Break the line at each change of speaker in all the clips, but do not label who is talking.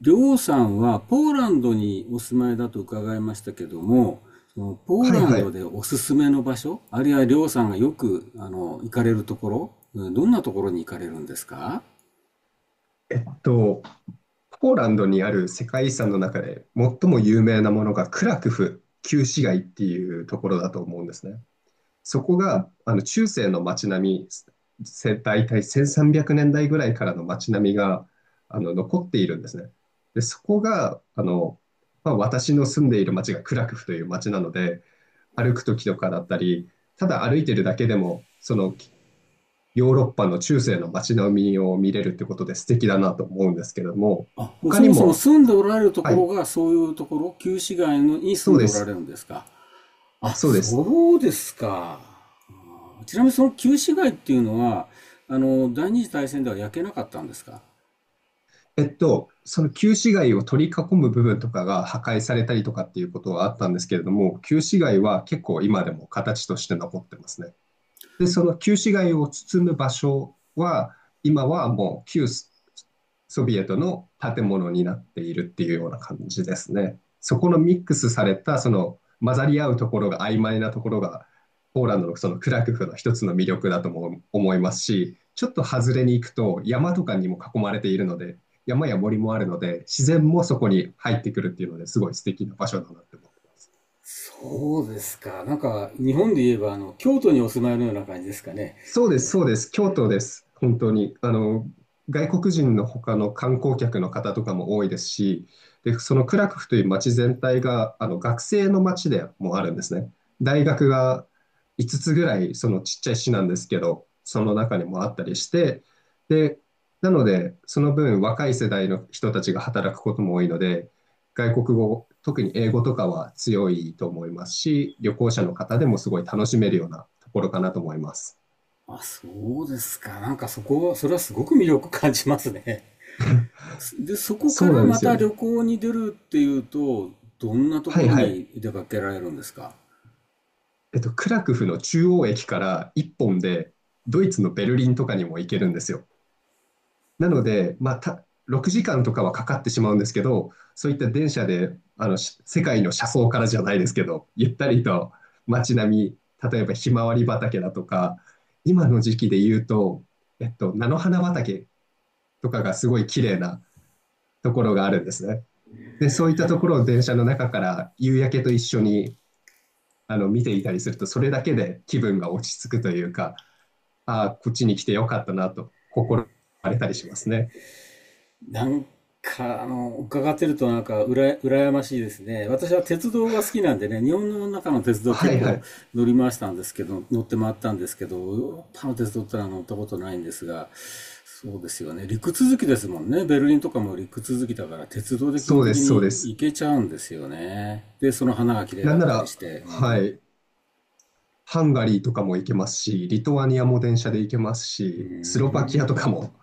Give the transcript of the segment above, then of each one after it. で、王さんはポーランドにお住まいだと伺いましたけども、そのポー
はい
ラン
は
ド
い。
でおすすめの場所、あるいはりょうさんがよく行かれるところ、どんなところに行かれるんですか？
えっと、ポーランドにある世界遺産の中で最も有名なものがクラクフ旧市街っていうところだと思うんですね。そこが中世の街並み、大体1300年代ぐらいからの街並みが残っているんですね。で、そこがまあ、私の住んでいる街がクラクフという街なので、歩く時とかだったり、ただ歩いてるだけでも、そのヨーロッパの中世の街並みを見れるってことで素敵だなと思うんですけども、
あ、もう
他
そ
に
もそも
も、
住んでおられるとこ
は
ろ
い、
がそういうところ、旧市街のに
そ
住ん
う
で
で
おられ
す、
るんですか？あ、
そうです。
そうですか。あ、ちなみにその旧市街っていうのは、あの、第二次大戦では焼けなかったんですか？
その旧市街を取り囲む部分とかが破壊されたりとかっていうことはあったんですけれども、旧市街は結構今でも形として残ってますね。で、その旧市街を包む場所は、今はもう旧ソビエトの建物になっているっていうような感じですね。そこのミックスされた、その混ざり合うところが曖昧なところが、ポーランドのそのクラクフの一つの魅力だとも思いますし、ちょっと外れに行くと山とかにも囲まれているので、山や森もあるので、自然もそこに入ってくるっていうのですごい素敵な場所だなって思ってます。
そうですか。なんか、日本で言えば、あの、京都にお住まいのような感じですかね。
そうです、そうです。京都です。本当に。外国人の他の観光客の方とかも多いですし、で、そのクラクフという街全体が、学生の街でもあるんですね。大学が5つぐらい、そのちっちゃい市なんですけど、その中にもあったりして、で、なので、その分若い世代の人たちが働くことも多いので、外国語、特に英語とかは強いと思いますし、旅行者の方でもすごい楽しめるようなところかなと思います。
あ、そうですか。なんかそこは、それはすごく魅力感じますね。で、そこか
そうな
ら
んで
ま
すよ
た旅
ね。
行に出るっていうと、どんなと
は
こ
い
ろ
はい。
に出かけられるんですか？
クラクフの中央駅から1本で、ドイツのベルリンとかにも行けるんですよ。なので、まあ、6時間とかはかかってしまうんですけど、そういった電車で、世界の車窓からじゃないですけど、ゆったりと街並み、例えばひまわり畑だとか、今の時期で言うと、菜の花畑とかがすごい綺麗なところがあるんですね。で、そういったところを電車の中から夕焼けと一緒に見ていたりすると、それだけで気分が落ち着くというか、ああ、こっちに来てよかったなと心がれたりしますね。
なんか、あの、伺ってるとなんか、羨ましいですね。私は鉄道が好きなんでね、日本の中の鉄道
は
結
いは
構
い。
乗って回ったんですけど、ヨーロッパの鉄道ってのは乗ったことないんですが、そうですよね。陸続きですもんね。ベルリンとかも陸続きだから、鉄道で基
そ
本
うで
的
す、そうで
に
す。
行けちゃうんですよね。で、その花が綺麗
な
だ
ん
っ
な
たり
ら、
して、う
は
ん。
い。ハンガリーとかも行けますし、リトアニアも電車で行けます
うー
し、スロバキアとか
ん、
も、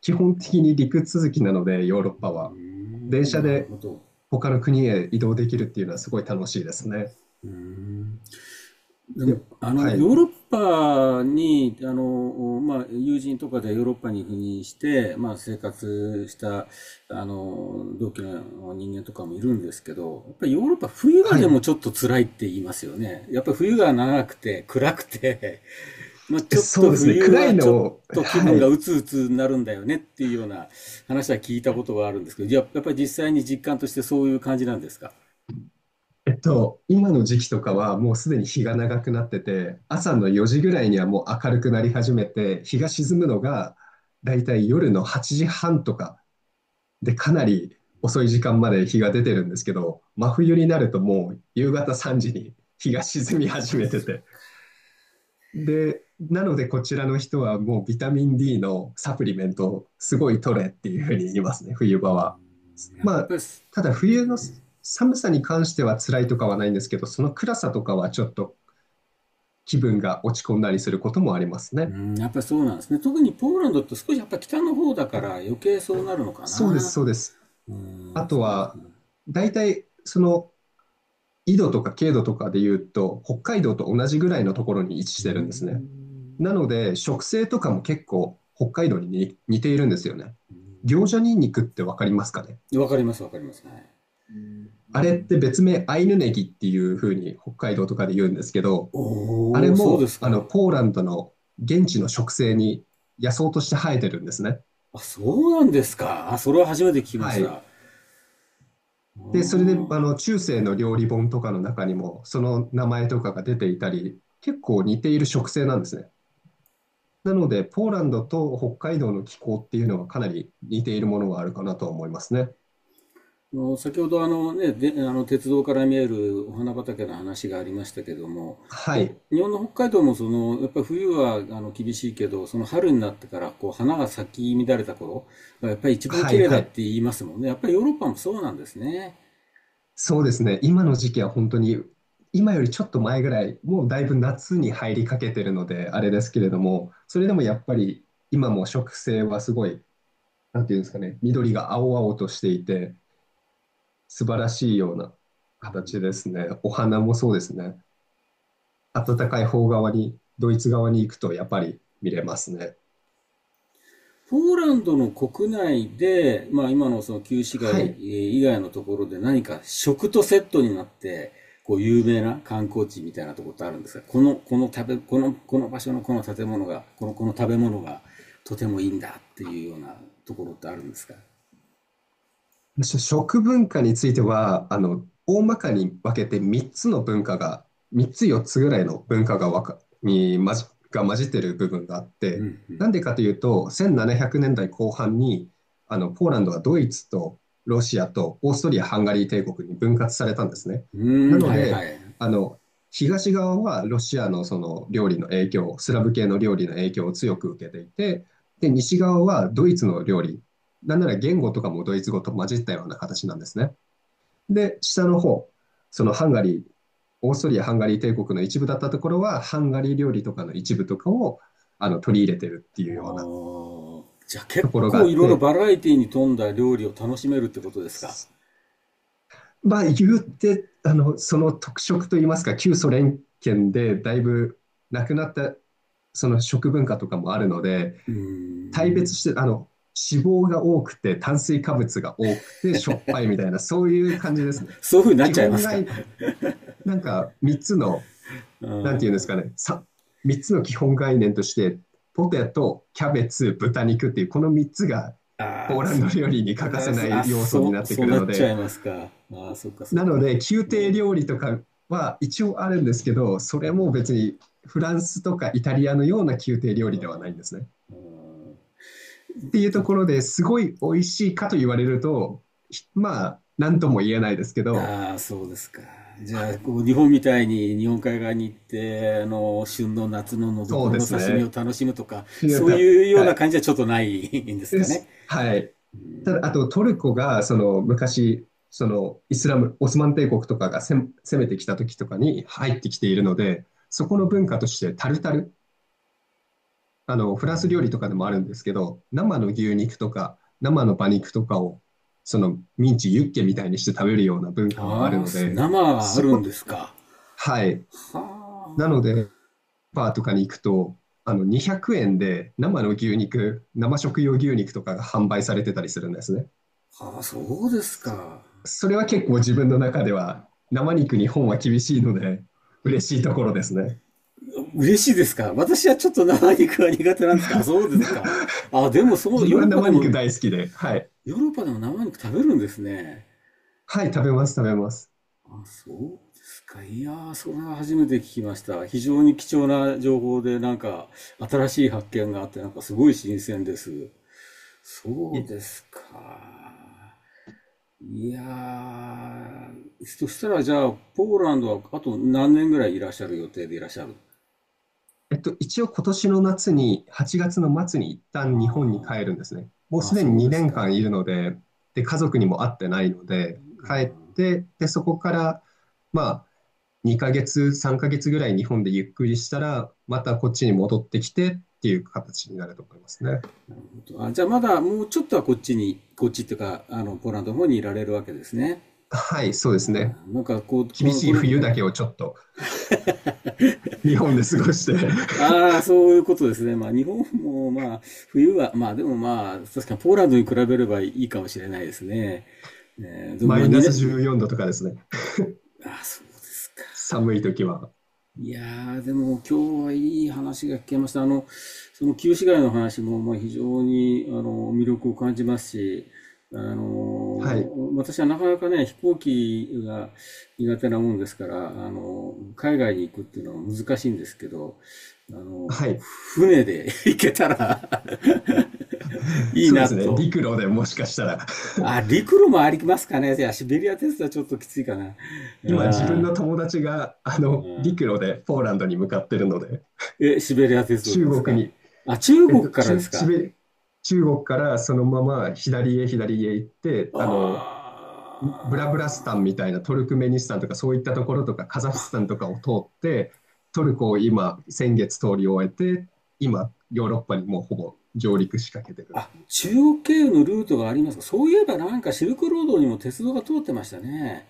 基本的に陸続きなので、ヨーロッ
うー
パは。電
ん、
車
なる
で
ほど。
他の国へ移動できるっていうのはすごい楽しいですね。
うーん、でも、
で、
あの、
は
ヨーロ
い。
ッパに、あの、まあ、友人とかでヨーロッパに赴任して、まあ、生活した、あの、同期の人間とかもいるんですけど、やっぱりヨーロッパ冬は
は
で
い。
もちょっと辛いって言いますよね。やっぱり冬が長くて暗くて、まあ、ちょっ
そ
と
うですね。
冬
暗
は
い
ち
の
ょっ
を、
と気
は
分が
い。
うつうつになるんだよねっていうような話は聞いたことがあるんですけど、やっぱり実際に実感としてそういう感じなんですか？
今の時期とかはもうすでに日が長くなってて、朝の4時ぐらいにはもう明るくなり始めて、日が沈むのがだいたい夜の8時半とかでかなり遅い時間まで日が出てるんですけど、真冬になるともう夕方3時に日が沈み始めてて、で、なのでこちらの人はもうビタミンD のサプリメントをすごい取れっていうふうに言いますね、冬場は。
やっ
まあ、
ぱり
ただ冬の寒さに関しては辛いとかはないんですけど、その暗さとかはちょっと気分が落ち込んだりすることもあります
う
ね。
ん、やっぱりそうなんですね。特にポーランドって少しやっぱ北の方だから余計そうなるのか
そうです、
な。
そうです。
うん、
あと
そうです
は、
ね。
大体その緯度とか経度とかで言うと、北海道と同じぐらいのところに位置し
う
てるんですね。
ん。
なので、食性とかも結構北海道に似ているんですよね。行者ニンニクってわかりますかね？
わかります、わかります。はい。
あれって別名アイヌネギっていう風に北海道とかで言うんですけど、あ
お
れ
お、そうで
も
すか。
ポーランドの現地の植生に野草として生えてるんですね。
あ、そうなんですか。あ、それは初めて聞きまし
は
た。
い。
ああ。
で、それで中世の料理本とかの中にもその名前とかが出ていたり、結構似ている植生なんですね。なので、ポーランドと北海道の気候っていうのはかなり似ているものがあるかなと思いますね。
あの先ほどあの鉄道から見えるお花畑の話がありましたけども、
はい。
日本の北海道もそのやっぱり冬はあの厳しいけど、その春になってからこう花が咲き乱れた頃がやっぱり一番
は
綺
い
麗だ
は
っ
い。
て言いますもんね。やっぱりヨーロッパもそうなんですね。
そうですね。今の時期は本当に、今よりちょっと前ぐらい、もうだいぶ夏に入りかけてるので、あれですけれども、それでもやっぱり今も植生はすごい、なんていうんですかね、緑が青々としていて、素晴らしいような形ですね。お花もそうですね。暖かい方側に、ドイツ側に行くとやっぱり見れますね。
ポーランドの国内で、まあ、今のその旧市
は
街
い。
以外のところで何か食とセットになって、こう有名な観光地みたいなところってあるんですが、この場所のこの建物が、この食べ物がとてもいいんだっていうようなところってあるんですか？
食文化については、大まかに分けて3つの文化が、3つ4つぐらいの文化がわか、に混じ、が混じってる部分があって、なんでかというと、1700年代後半に、ポーランドはドイツとロシアとオーストリア・ハンガリー帝国に分割されたんですね。
うー
な
ん、
の
はいは
で、
い。
あの、東側はロシアのその料理の影響、スラブ系の料理の影響を強く受けていて、で、西側はドイツの料理、なんなら言語とかもドイツ語と混じったような形なんですね。で、下の方、そのハンガリー、オーストリア・ハンガリー帝国の一部だったところは、ハンガリー料理とかの一部とかを取り入れてるってい
あ
うような
ー、じゃあ結
ところがあ
構い
っ
ろいろ
て、
バラエティに富んだ料理を楽しめるってことですか？
まあ、言ってその特色といいますか、旧ソ連圏でだいぶなくなったその食文化とかもあるので、
うー
大別
ん。
して、脂肪が多くて、炭水化物が多くて、しょっぱいみたいな、そういう感じですね。
そういうふうになっ
基
ちゃいま
本
す
が
か？
なんか3つの、
う
なんていうんで
ー
すか
ん。
ね、3つの基本概念として、ポテト、キャベツ、豚肉っていう、この3つがポ
あ
ー
あ、
ランド
そ
料理に欠
う。
かせない要素になって
そ
く
う
る
なっ
の
ちゃ
で、
いますか。ああ、そっかそっ
なの
か。
で、宮
う
廷
ん。
料理とかは一応あるんですけど、それも別にフランスとかイタリアのような宮廷料理ではないんですね。っていうところですごい美味しいかと言われると、まあ、なんとも言えないですけど、
ああ、そうですか。じゃあ、こう、日本みたいに日本海側に行って、あの、旬の夏ののど
そ
く
う
ろ
で
の
す
刺身を
ね。
楽しむとか、そういうような感じはちょっとないんです
で
かね。
す。はい。ただ、あとトルコがその昔、そのイスラム、オスマン帝国とかが攻めてきた時とかに入ってきているので、そこの文化としてタルタル、あのフランス料理とかでもあるんですけど、生の牛肉とか生の馬肉とかをそのミンチ、ユッケみたいにして食べるような文化はある
ああ、
ので、
生はあ
そ
る
こ
んで
と、
すか。
はい。
は
なので、バーとかに行くと、200円で生の牛肉、生食用牛肉とかが販売されてたりするんですね。
あ、はあ、そうです
そ
か。
それは結構自分の中では生肉日本は厳しいので嬉しいところですね。
嬉しいですか。私はちょっと生肉は苦手なんですか。あ、そうですか。あ、でも そう、
自分
ヨー
は
ロッパ
生
で
肉
も
大好きで、はい。
ヨーロッパでも生肉食べるんですね。
はい、食べます、食べます。
あ、そうですか。いやー、それは初めて聞きました。非常に貴重な情報で、なんか、新しい発見があって、なんかすごい新鮮です。そう
い
ですか。いやー、そしたらじゃあ、ポーランドはあと何年ぐらいいらっしゃる予定でいらっしゃる？
えっと、一応今年の夏に、8月の末に一旦日本に
あ
帰るんですね。もう
ーあ、
すでに
そうで
2
す
年間
か。
いるので、で、家族にも会ってないので、帰っ
あ
て、で、そこから、まあ、2ヶ月、3ヶ月ぐらい日本でゆっくりしたら、またこっちに戻ってきてっていう形になると思いますね。
ー、あ、じゃあまだもうちょっとはこっちに、こっちっていうか、あの、ポーランドの方にいられるわけですね。
はい、そうで
あ
すね。
あ、なんかこう、こ
厳
の、
し
こ
い
れ、
冬だけをちょっと日本で過ごして。
ああ、そういうことですね。まあ、日本も、まあ、冬は、まあ、でもまあ、確かにポーランドに比べればいいかもしれないですね。ねえー、 でも
マ
まあ、
イナ
2
ス
年、
14度とかですね。
ああ、そうです。
寒い時は。
いやー、でも今日はいい話が聞けました。あの、その旧市街の話も、まあ、非常にあの魅力を感じますし、あ
はい。
の、私はなかなかね、飛行機が苦手なもんですから、あの、海外に行くっていうのは難しいんですけど、あの、
はい。
船で 行けたら いい
そうで
な
すね。
と。
陸路でもしかしたら。
あ、陸路もありますかね。いや、シベリア鉄道はちょっときついかな。
今自
う
分
ん、
の友達が
うん。
陸路でポーランドに向かってるので、
え、シベリア鉄道
中
です
国
か？
に、
あ、中
えっ
国
と、
からで
中、
す
シ
か？
ベ中国からそのまま左へ左へ行って、
あ
ブラブラスタンみたいなトルクメニスタンとかそういったところとかカザフスタンとかを通ってトルコを今先月通り終えて今ヨーロッパにもうほぼ上陸しかけて
ー、
る
あ、
っていう。
中国経由のルートがありますか？そういえばなんかシルクロードにも鉄道が通ってましたね。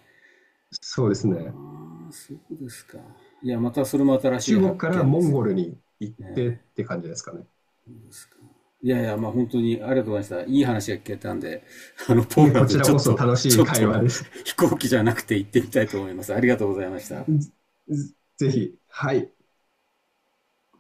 そうですね。
あ、そうですか。いや、またそれも新しい
中
発
国から
見で
モン
す。
ゴルに行ってって感じですかね？
いやいや、まあ本当にありがとうございました。いい話が聞けたんで、あの、ポ
いえ、
ーラン
こ
ド
ちら
ちょっ
こそ
と、
楽し
ち
い
ょっ
会話
と
でした。
飛行機じゃなくて行ってみたいと思います。ありがとうございました。
ぜぜひ。はい。